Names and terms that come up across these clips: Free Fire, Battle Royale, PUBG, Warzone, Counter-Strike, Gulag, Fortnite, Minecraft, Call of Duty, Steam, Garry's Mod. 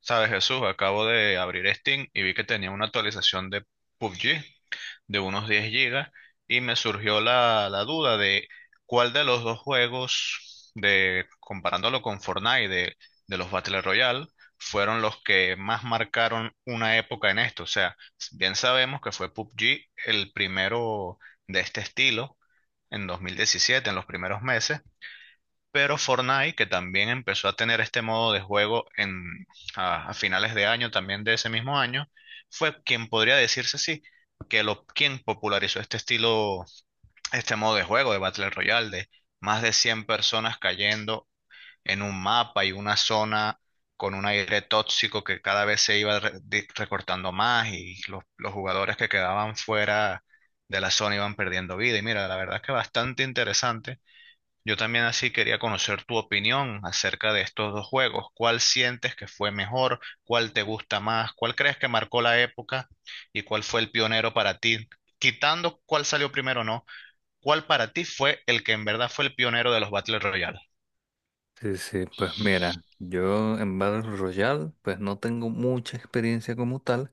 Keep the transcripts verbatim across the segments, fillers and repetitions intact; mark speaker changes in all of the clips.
Speaker 1: Sabes, Jesús, acabo de abrir Steam y vi que tenía una actualización de P U B G de unos diez gigas y me surgió la, la duda de cuál de los dos juegos, de, comparándolo con Fortnite, de, de los Battle Royale, fueron los que más marcaron una época en esto. O sea, bien sabemos que fue P U B G el primero de este estilo en dos mil diecisiete, en los primeros meses, pero Fortnite, que también empezó a tener este modo de juego en, a, a finales de año, también de ese mismo año, fue quien podría decirse sí, que lo, quien popularizó este estilo, este modo de juego de Battle Royale, de más de cien personas cayendo en un mapa y una zona con un aire tóxico que cada vez se iba re- di- recortando más y los, los jugadores que quedaban fuera de la zona iban perdiendo vida. Y mira, la verdad es que bastante interesante. Yo también así quería conocer tu opinión acerca de estos dos juegos. ¿Cuál sientes que fue mejor? ¿Cuál te gusta más? ¿Cuál crees que marcó la época? ¿Y cuál fue el pionero para ti? Quitando cuál salió primero o no, ¿cuál para ti fue el que en verdad fue el pionero de los Battle Royale?
Speaker 2: Sí, sí, pues mira, yo en Battle Royale pues no tengo mucha experiencia como tal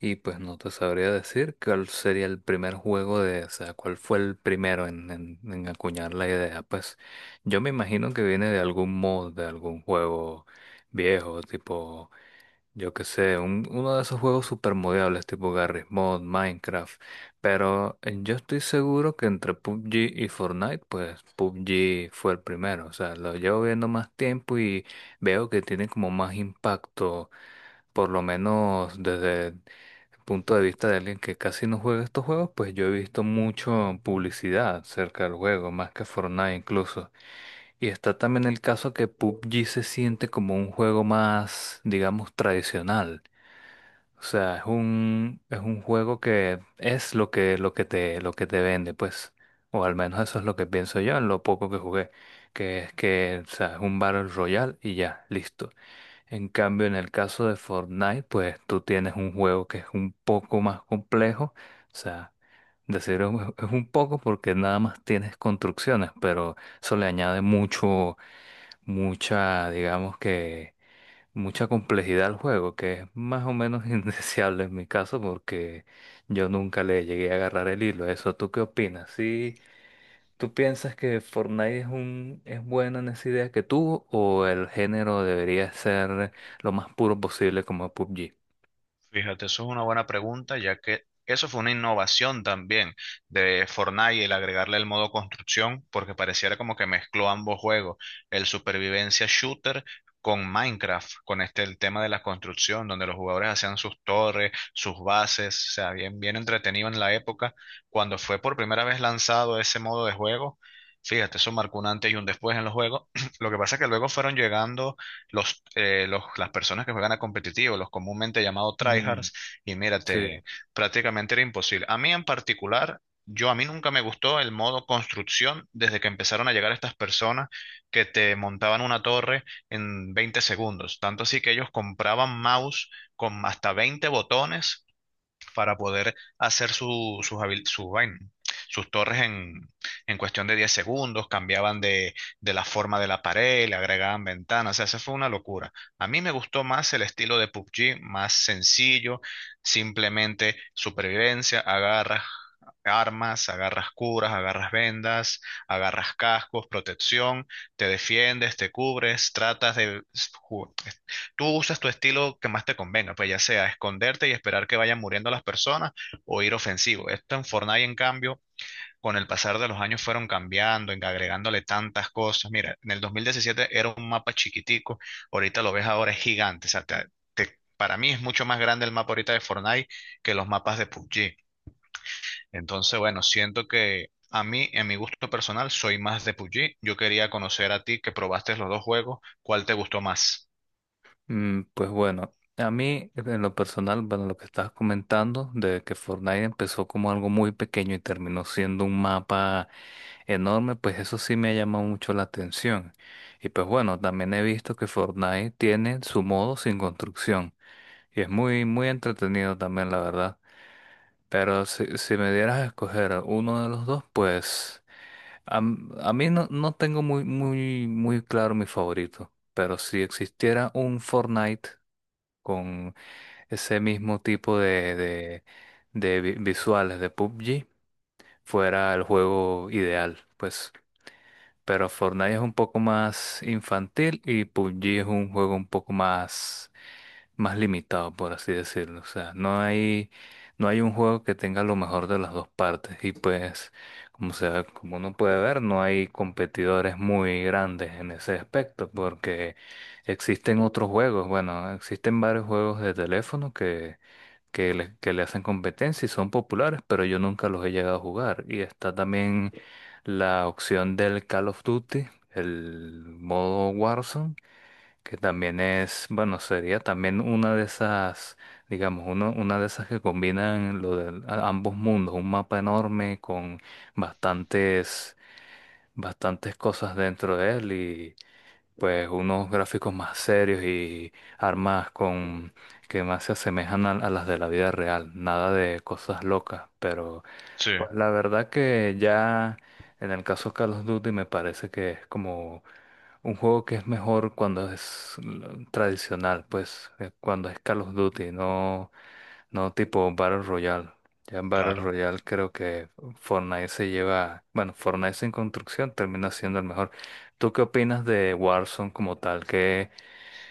Speaker 2: y pues no te sabría decir cuál sería el primer juego de, o sea, cuál fue el primero en, en, en acuñar la idea. Pues yo me imagino que viene de algún mod, de algún juego viejo, tipo yo qué sé, un- uno de esos juegos super modeables tipo Garry's Mod, Minecraft. Pero eh, yo estoy seguro que entre P U B G y Fortnite, pues P U B G fue el primero. O sea, lo llevo viendo más tiempo y veo que tiene como más impacto, por lo menos desde el punto de vista de alguien que casi no juega estos juegos, pues yo he visto mucho publicidad cerca del juego, más que Fortnite incluso. Y está también el caso que P U B G se siente como un juego más, digamos, tradicional. O sea, es un, es un juego que es lo que, lo que te, lo que te vende, pues. O al menos eso es lo que pienso yo en lo poco que jugué. Que es que, o sea, es un Battle Royale y ya, listo. En cambio, en el caso de Fortnite, pues tú tienes un juego que es un poco más complejo. O sea, decir es un es un poco porque nada más tienes construcciones, pero eso le añade mucho mucha, digamos que, mucha complejidad al juego, que es más o menos indeseable en mi caso porque yo nunca le llegué a agarrar el hilo a eso. ¿Tú qué opinas? ¿Sí, tú piensas que Fortnite es un, es buena en esa idea que tuvo o el género debería ser lo más puro posible como P U B G?
Speaker 1: Fíjate, eso es una buena pregunta, ya que eso fue una innovación también de Fortnite, el agregarle el modo construcción, porque pareciera como que mezcló ambos juegos, el supervivencia shooter con Minecraft, con este el tema de la construcción, donde los jugadores hacían sus torres, sus bases, o sea, bien, bien entretenido en la época. Cuando fue por primera vez lanzado ese modo de juego, fíjate, eso marcó un antes y un después en los juegos. Lo que pasa es que luego fueron llegando los, eh, los- las personas que juegan a competitivo, los comúnmente llamados
Speaker 2: Mm,
Speaker 1: tryhards, y
Speaker 2: sí.
Speaker 1: mírate, prácticamente era imposible. A mí en particular, yo a mí nunca me gustó el modo construcción desde que empezaron a llegar estas personas que te montaban una torre en veinte segundos. Tanto así que ellos compraban mouse con hasta veinte botones para poder hacer su, sus, habil- su vaina, sus torres en, en cuestión de diez segundos, cambiaban de, de la forma de la pared, le agregaban ventanas, o sea, eso fue una locura. A mí me gustó más el estilo de P U B G, más sencillo, simplemente supervivencia, agarras armas, agarras curas, agarras vendas, agarras cascos, protección, te defiendes, te cubres, tratas de ju- tú usas tu estilo que más te convenga, pues ya sea esconderte y esperar que vayan muriendo las personas o ir ofensivo. Esto en Fortnite, en cambio, con el pasar de los años fueron cambiando, en- agregándole tantas cosas. Mira, en el dos mil diecisiete era un mapa chiquitico, ahorita lo ves ahora es gigante. O sea, te- te- para mí es mucho más grande el mapa ahorita de Fortnite que los mapas de P U B G. Entonces, bueno, siento que a mí, en mi gusto personal, soy más de P U B G. Yo quería conocer a ti que probaste los dos juegos, ¿cuál te gustó más?
Speaker 2: Mm, Pues bueno, a mí en lo personal, bueno, lo que estabas comentando de que Fortnite empezó como algo muy pequeño y terminó siendo un mapa enorme, pues eso sí me ha llamado mucho la atención. Y pues bueno, también he visto que Fortnite tiene su modo sin construcción y es muy, muy entretenido también, la verdad. Pero si, si me dieras a escoger uno de los dos, pues a, m- a mí no, no tengo muy, muy, muy claro mi favorito. Pero si existiera un Fortnite con ese mismo tipo de, de, de vi- visuales de P U B G fuera el juego ideal, pues. Pero Fortnite es un poco más infantil y P U B G es un juego un poco más, más limitado, por así decirlo. O sea, no hay, no hay un juego que tenga lo mejor de las dos partes. Y pues, como se, como uno puede ver, no hay competidores muy grandes en ese aspecto, porque existen otros juegos. Bueno, existen varios juegos de teléfono que le, que le hacen competencia y son populares, pero yo nunca los he llegado a jugar. Y está también la opción del Call of Duty, el modo Warzone, que también es, bueno, sería también una de esas, digamos, uno, una de esas que combinan lo de ambos mundos, un mapa enorme con bastantes, bastantes cosas dentro de él, pues unos gráficos más serios y armas con que más se asemejan a, a las de la vida real, nada de cosas locas. Pero
Speaker 1: Sí,
Speaker 2: pues la verdad que ya en el caso Call of Duty me parece que es como un juego que es mejor cuando es l- tradicional, pues eh, cuando es Call of Duty, no no, tipo Battle Royale. Ya en Battle
Speaker 1: claro.
Speaker 2: Royale creo que Fortnite se lleva, bueno, Fortnite en construcción termina siendo el mejor. ¿Tú qué opinas de Warzone como tal? ¿Qué,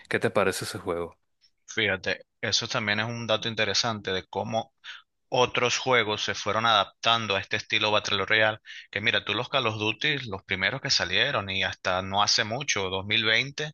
Speaker 2: qué te parece ese juego?
Speaker 1: Fíjate, eso también es un dato interesante de cómo otros juegos se fueron adaptando a este estilo Battle Royale. Que mira, tú los Call of Duty, los primeros que salieron y hasta no hace mucho, dos mil veinte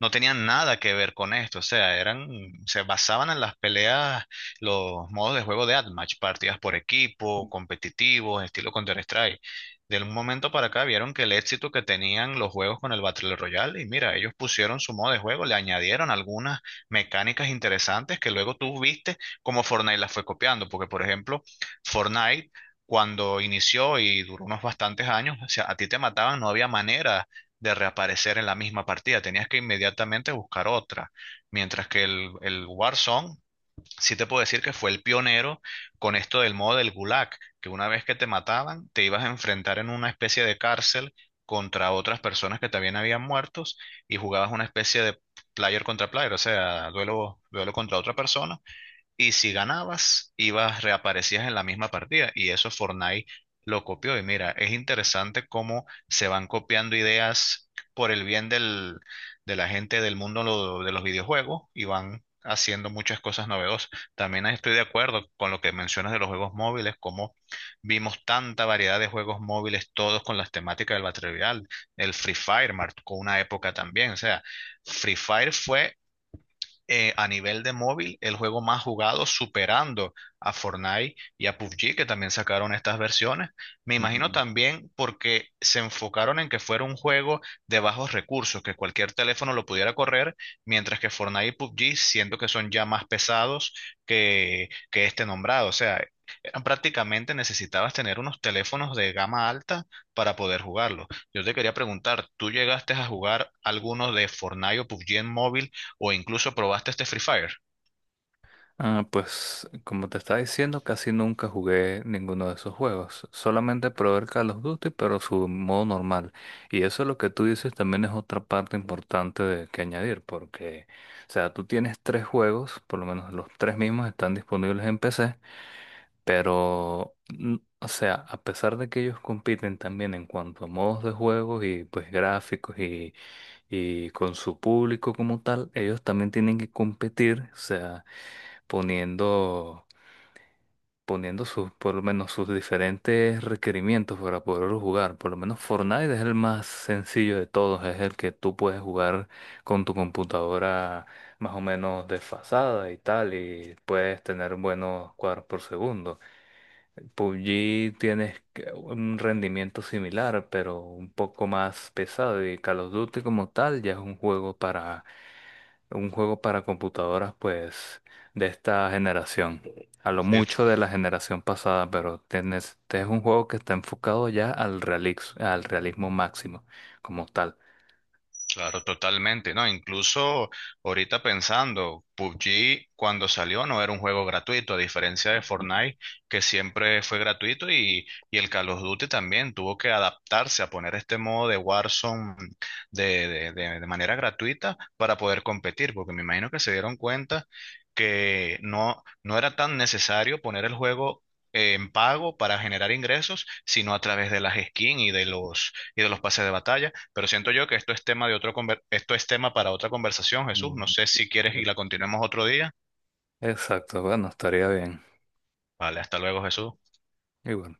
Speaker 1: no tenían nada que ver con esto, o sea, eran, se basaban en las peleas, los modos de juego de Admatch, partidas por equipo, competitivos, estilo Counter-Strike. De un momento para acá vieron que el éxito que tenían los juegos con el Battle Royale, y mira, ellos pusieron su modo de juego, le añadieron algunas mecánicas interesantes que luego tú viste como Fortnite las fue copiando, porque por ejemplo, Fortnite cuando inició y duró unos bastantes años, o sea, a ti te mataban, no había manera de reaparecer en la misma partida. Tenías que inmediatamente buscar otra. Mientras que el, el Warzone, sí te puedo decir que fue el pionero con esto del modo del Gulag, que una vez que te mataban, te ibas a enfrentar en una especie de cárcel contra otras personas que también habían muertos y jugabas una especie de player contra player, o sea, duelo, duelo contra otra persona y si ganabas, ibas, reaparecías en la misma partida. Y eso Fortnite lo copió. Y mira, es interesante cómo se van copiando ideas por el bien del, de la gente del mundo lo- de los videojuegos y van haciendo muchas cosas novedosas. También estoy de acuerdo con lo que mencionas de los juegos móviles, cómo vimos tanta variedad de juegos móviles, todos con las temáticas del Battle Royale, el Free Fire marcó una época también. O sea, Free Fire fue eh, a nivel de móvil el juego más jugado, superando a Fortnite y a P U B G, que también sacaron estas versiones. Me imagino
Speaker 2: Ujú.
Speaker 1: también porque se enfocaron en que fuera un juego de bajos recursos, que cualquier teléfono lo pudiera correr, mientras que Fortnite y P U B G, siento que son ya más pesados que, que este nombrado. O sea, eran prácticamente necesitabas tener unos teléfonos de gama alta para poder jugarlo. Yo te quería preguntar, ¿tú llegaste a jugar algunos de Fortnite o P U B G en móvil? O incluso probaste este Free Fire.
Speaker 2: Ah, pues como te estaba diciendo, casi nunca jugué ninguno de esos juegos. Solamente probé el Call of Duty, pero su modo normal. Y eso es lo que tú dices también es otra parte importante de, que añadir, porque, o sea, tú tienes tres juegos, por lo menos los tres mismos están disponibles en P C. Pero, mm, o sea, a pesar de que ellos compiten también en cuanto a modos de juego y pues gráficos y, y con su público como tal, ellos también tienen que competir, o sea, poniendo, poniendo sus, por lo menos sus diferentes requerimientos para poderlo jugar. Por lo menos Fortnite es el más sencillo de todos, es el que tú puedes jugar con tu computadora más o menos desfasada y tal, y puedes tener buenos cuadros por segundo. P U B G tienes que- un rendimiento similar, pero un poco más pesado. Y Call of Duty como tal ya es un juego para un juego para computadoras, pues, de esta generación. A lo
Speaker 1: Sí,
Speaker 2: mucho de la generación pasada, pero tienes, este es un juego que está enfocado ya al realix- al realismo máximo como tal.
Speaker 1: claro, totalmente, ¿no? Incluso ahorita pensando, P U B G cuando salió no era un juego gratuito, a diferencia de
Speaker 2: Mm,
Speaker 1: Fortnite, que siempre fue gratuito, y, y el Call of Duty también tuvo que adaptarse a poner este modo de Warzone de, de, de- de manera gratuita para poder competir, porque me imagino que se dieron cuenta que no, no era tan necesario poner el juego. Eh, en pago para generar ingresos, sino a través de las skins y de los y de los pases de batalla, pero siento yo que esto es tema de otro conver- esto es tema para otra conversación, Jesús. No
Speaker 2: mm,
Speaker 1: sé si quieres y la continuemos otro día.
Speaker 2: exacto, bueno, estaría bien.
Speaker 1: Vale, hasta luego, Jesús.
Speaker 2: Y bueno.